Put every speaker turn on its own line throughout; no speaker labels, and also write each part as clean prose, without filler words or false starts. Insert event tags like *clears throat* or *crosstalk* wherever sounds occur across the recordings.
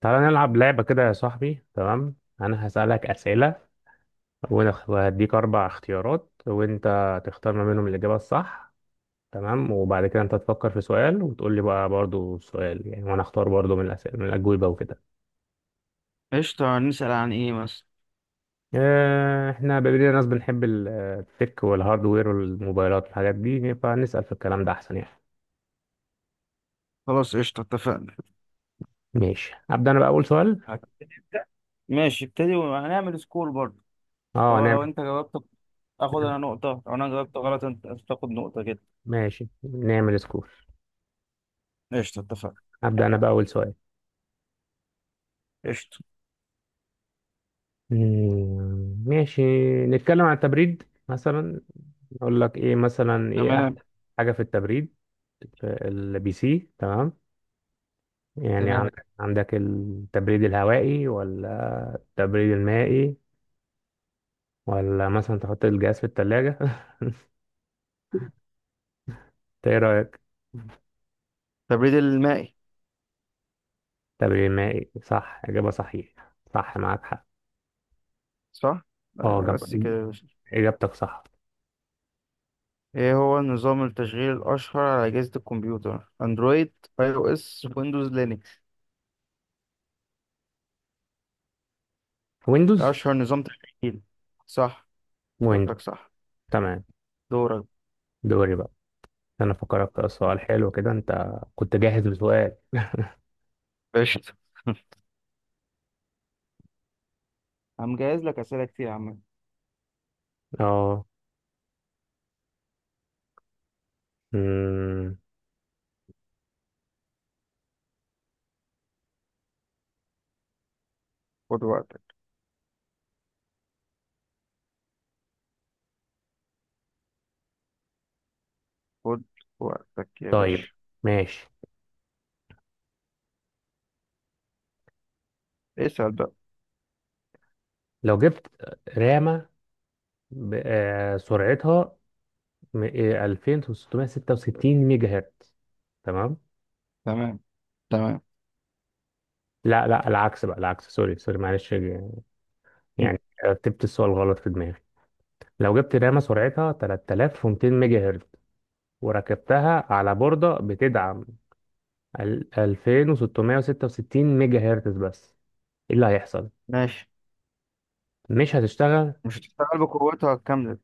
تعالى نلعب لعبة كده يا صاحبي. تمام، أنا هسألك أسئلة وهديك أربع اختيارات وأنت تختار ما بينهم الإجابة الصح. تمام، وبعد كده أنت تفكر في سؤال وتقول لي بقى برضو السؤال، يعني وأنا أختار برضو من الأسئلة من الأجوبة وكده.
قشطة، نسأل عن ايه مثلا؟
آه، إحنا بما ناس بنحب التك والهاردوير والموبايلات والحاجات دي، فنسأل في الكلام ده أحسن يعني.
خلاص، قشطة، اتفقنا.
ماشي، أبدأ أنا بقى أول سؤال.
هتبتدي انت؟ ماشي، ابتدي، وهنعمل سكور برضه.
أه
هو لو
نعمل.
انت جاوبت اخد انا نقطة، لو انا جاوبت غلط انت تاخد نقطة كده.
ماشي نعمل سكور.
قشطة، اتفقنا.
أبدأ أنا بقى أول سؤال.
قشطة.
ماشي. نتكلم عن التبريد مثلا. اقول لك ايه، مثلا ايه تمام
تمام،
احسن؟ حاجه في التبريد في البي سي، تمام؟ يعني تمام،
تمام.
عندك عندك التبريد الهوائي، ولا التبريد المائي، ولا مثلا تحط الجهاز في الثلاجه؟ *laughs* انت ايه رايك؟
التبريد المائي.
تبريد مائي، صح، اجابه صحيحه، صح معاك حق.
صح؟
اه
أيوة،
تمام.
بس كده يا باشا.
اجابتك صح.
ايه هو نظام التشغيل الاشهر على اجهزة الكمبيوتر؟ اندرويد، اي او اس، ويندوز، لينكس؟
ويندوز.
اشهر نظام تشغيل، صح.
ويندوز.
جبتك صح.
تمام.
دورك.
دوري بقى. انا فكرك في سؤال حلو كده، انت كنت جاهز بسؤال؟
قشطة. *laughs* هنجهز لك اسئلة كتير يا عم.
اه.
خد وقتك، خد وقتك يا
طيب،
باشا.
ماشي.
اسأل بقى.
لو جبت رامة، سرعتها، م- 2666 ميجا هرتز، تمام؟
تمام، تمام.
لا لا، العكس بقى، العكس، سوري سوري معلش،
مم.
يعني رتبت السؤال غلط في دماغي. لو جبت رامة سرعتها 3200 ميجا هرتز وركبتها على بوردة بتدعم 2666 ميجا هرتز بس، ايه اللي هيحصل؟
ماشي.
مش هتشتغل؟
مش هتشتغل بقوتها الكاملة.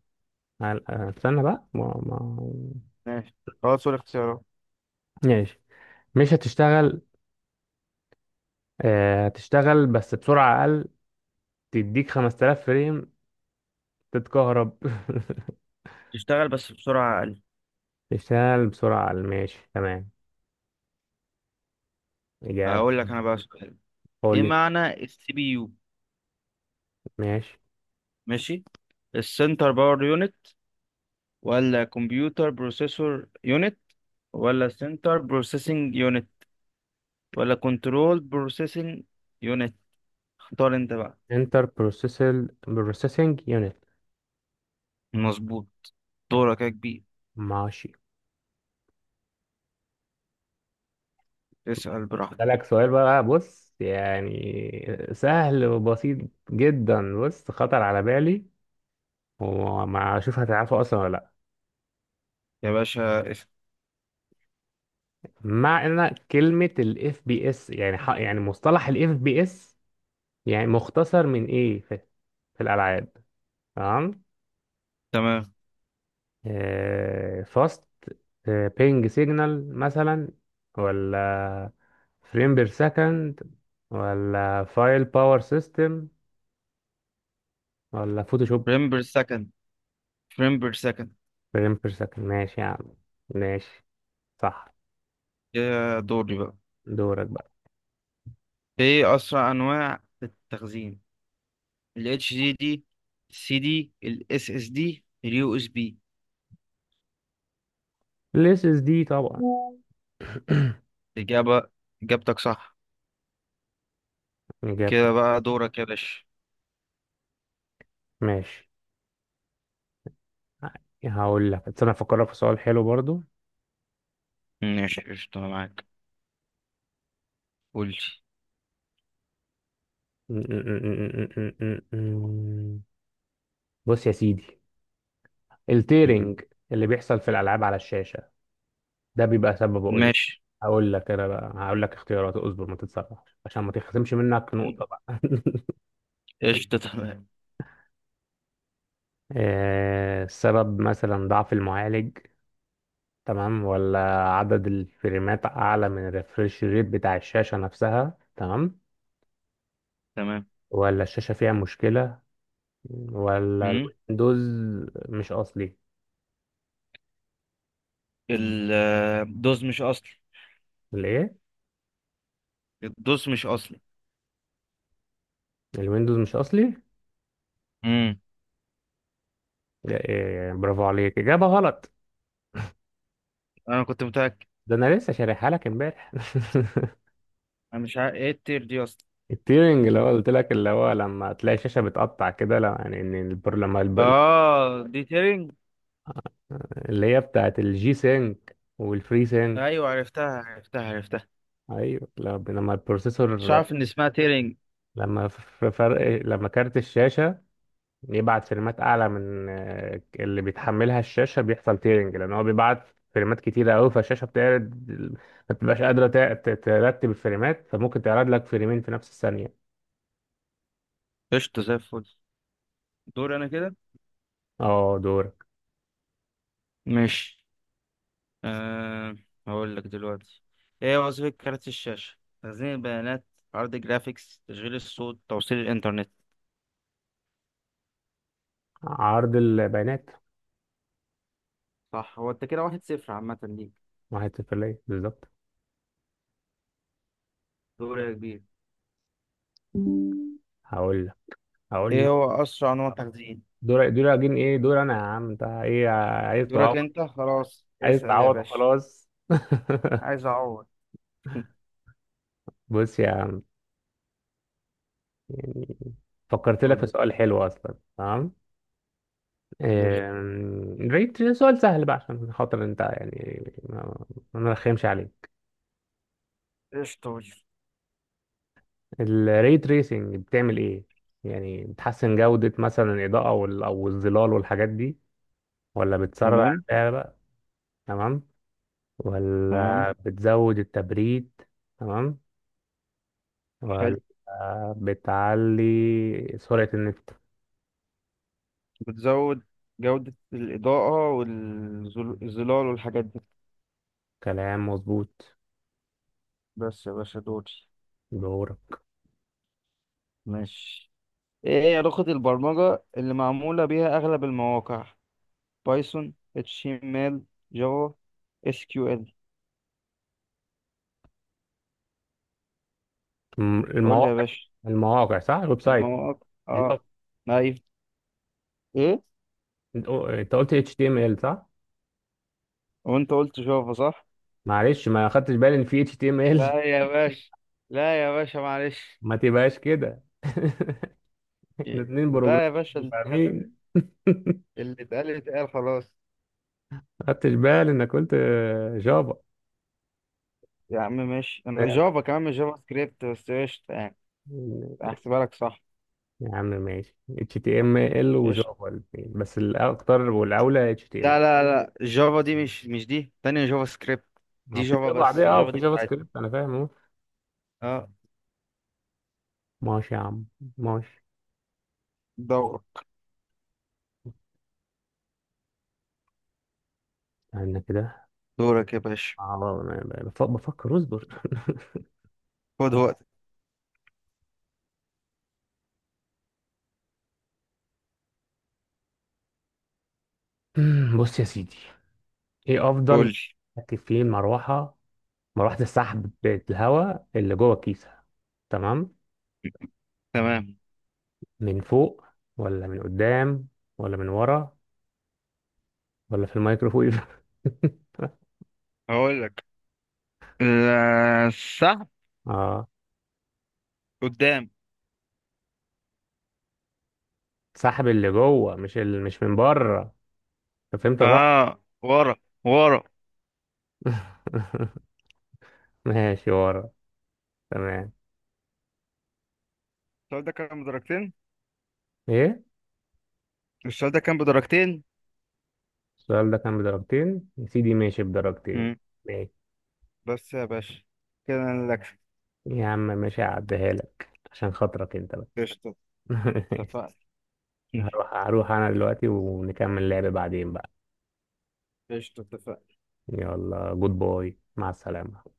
استنى بقى، ما
ماشي، خلاص، قول اختيارات.
ماشي. مش هتشتغل، آه، هتشتغل بس بسرعة أقل، تديك 5000 فريم، تتكهرب *laughs*
تشتغل بس بسرعة أقل.
تشتغل بسرعة أقل، ماشي، تمام، إجابة.
هقول لك أنا بقى سؤال. إيه
قولي.
معنى السي بي يو؟
ماشي،
ماشي. السنتر باور يونت، ولا كمبيوتر بروسيسور يونت، ولا سنتر بروسيسنج يونت، ولا كنترول بروسيسنج يونت؟ اختار أنت بقى.
انتر بروسيسل بروسيسنج يونت.
مظبوط. دورك يا كبير.
ماشي.
اسأل براحتك.
لك سؤال بقى، بص يعني سهل وبسيط جدا، بص خطر على بالي، وما اشوف هتعرفه اصلا ولا لا.
يا باشا اسأل.
معنى كلمة الاف بي اس، يعني مصطلح الاف بي اس، يعني مختصر من ايه في الالعاب، تمام؟
تمام.
فاست بينج سيجنال مثلا، ولا فريم بير سكند، ولا فايل باور سيستم، ولا فوتوشوب؟
فريم بير سكند، فريم بير سكند.
فريم بير سكند، ماشي يا عم، ماشي، صح.
يا، دوري بقى.
دورك بقى.
ايه اسرع انواع التخزين؟ الاتش دي دي، السي دي، الاس اس دي، اليو اس بي؟
الاس اس دي طبعا. *coughs*
اجابه، اجابتك صح.
*clears throat* اجابتك.
كده بقى دورك يا باشا.
ماشي، هقول لك، استنى افكرك في سؤال حلو برضو.
ماشي، قشطة، أنا معاك. قول.
*laughs* بص يا سيدي،
لي.
التيرنج اللي بيحصل في الالعاب على الشاشه، ده بيبقى سببه ايه؟
ماشي.
هقول لك انا بقى، هقول لك اختيارات، اصبر ما تتسرعش عشان ما تخصمش منك نقطة بقى. *laughs*
قشطة، تمام.
آه، السبب مثلا ضعف المعالج، تمام، ولا عدد الفريمات اعلى من الريفرش ريت بتاع الشاشة نفسها، تمام،
تمام.
ولا الشاشة فيها مشكلة، ولا
مم.
الويندوز مش اصلي؟
ال- الدوز مش اصلي.
الايه؟
الدوز مش اصلي.
الويندوز مش اصلي.
مم.
إيه، برافو عليك، اجابة غلط.
انا كنت متأكد.
ده انا لسه شارحها لك امبارح. *laughs*
انا مش عارف ايه التير دي اصلا.
التيرنج اللي هو قلت لك، اللي هو لما تلاقي الشاشة بتقطع كده، لا يعني ان البر،
اه، دي تيرنج.
اللي هي بتاعت الجي سينك والفري سينك.
ايوه، عرفتها، عرفتها، عرفتها.
ايوه، لما لما البروسيسور،
مش عارف ان اسمها تيرنج.
لما في فرق، لما كارت الشاشة يبعت فريمات اعلى من آه، اللي بيتحملها الشاشة، بيحصل تيرنج، لان هو بيبعت فريمات كتيرة قوي، فالشاشة بتعرض، ما بتبقاش قادرة ترتب الفريمات، فممكن تعرض لك فريمين في نفس الثانية.
قشطة، زي الفل. دور انا كده.
اه دورك.
ماشي. أه. هقول لك دلوقتي. ايه وظيفة كارت الشاشة؟ تخزين البيانات، عرض جرافيكس، تشغيل الصوت، توصيل الانترنت؟
عرض البيانات.
صح، هو انت كده واحد صفر عامة ليك.
واحد صفر ليا بالظبط.
دور يا كبير.
هقول لك، هقول
ايه
لك.
هو اسرع نوع تخزين؟
دور اجين، ايه؟ دور انا يا عم، انت ايه؟ عايز تعوض؟
دورك انت، خلاص
عايز
اسأل يا
تعوض،
باشا.
خلاص. *laughs*
عايز اعوض. *laughs*
بص يا عم، يعني فكرت لك في
قول.
سؤال حلو اصلا، تمام.
ليش؟
آم، سؤال سهل بقى عشان خاطر انت يعني، ما ما نرخمش عليك.
قشطة، قول.
الري تريسنج بتعمل ايه؟ يعني بتحسن جودة مثلا الإضاءة او الظلال والحاجات دي، ولا بتسرع
تمام.
الرؤية بقى، تمام،
تمام.
ولا بتزود التبريد، تمام، ولا
حلو.
بتعلي سرعة النت؟
بتزود جودة الإضاءة والظلال والحاجات دي.
كلام مظبوط.
بس يا باشا، دوري.
دورك.
ماشي. ايه هي لغة البرمجة اللي معمولة بيها اغلب المواقع؟ بايثون، اتش تي ام ال، جافا، اس كيو ال؟ قول لي يا
المواقع.
باشا.
المواقع، صح، الويب سايت،
المواقع، اه.
بالظبط.
ايوه. ايه.
انت قلت HTML، صح؟
وانت قلت جافا، صح.
معلش، ما خدتش بالي ان في HTML.
لا يا باشا، لا يا باشا، معلش.
*laughs* ما تبقاش كده. *laughs* احنا اتنين بروجرام
لا يا باشا،
فاهمين.
اللي اتقال اتقال خلاص.
ما خدتش بالي انك قلت جافا.
يا عم ماشي، أما جافا كمان مش جافا سكريبت، بس قشطة يعني. احسبها لك صح.
يا عم ماشي، HTML
قشطة.
وجافا الاثنين، بس الاكتر والاولى HTML.
لا لا لا، جافا دي مش دي تانية، جافا سكريبت.
ما
دي
هو في
جافا،
جافا
بس
عادية اه،
جافا
وفي
دي
جافا
بتاعت.
سكريبت، انا فاهم.
اه.
ماشي يا عم، ماشي.
دورك.
انا كده
دورك يا باشا.
على، بفكر، اصبر.
خد وقتك.
*laughs* بص يا سيدي، ايه
قول
افضل
لي.
تركب فيه المروحه، مروحه السحب بتاعت الهواء اللي جوه الكيسه، تمام؟
تمام.
من فوق، ولا من قدام، ولا من ورا، ولا في الميكروويف؟ *laughs*
هقول لك. لا، السحب.
اه،
قدام.
سحب اللي جوه، مش مش من بره، أنت فهمت غلط.
اه، ورا، ورا.
*laughs* ماشي ورا، تمام.
السؤال ده كان بدرجتين.
ايه؟
السؤال ده كان بدرجتين.
السؤال ده كان بدرجتين يا سيدي، ماشي بدرجتين.
مم.
ماشي
بس يا باشا، كده انا لك.
يا عم، ماشي، هعديها لك عشان خاطرك انت بقى.
قشطة،
*laughs*
اتفقنا.
هروح،
*laughs*
هروح انا دلوقتي، ونكمل لعب بعدين بقى.
قشطة، اتفقنا.
يلا، جود باي، مع السلامة.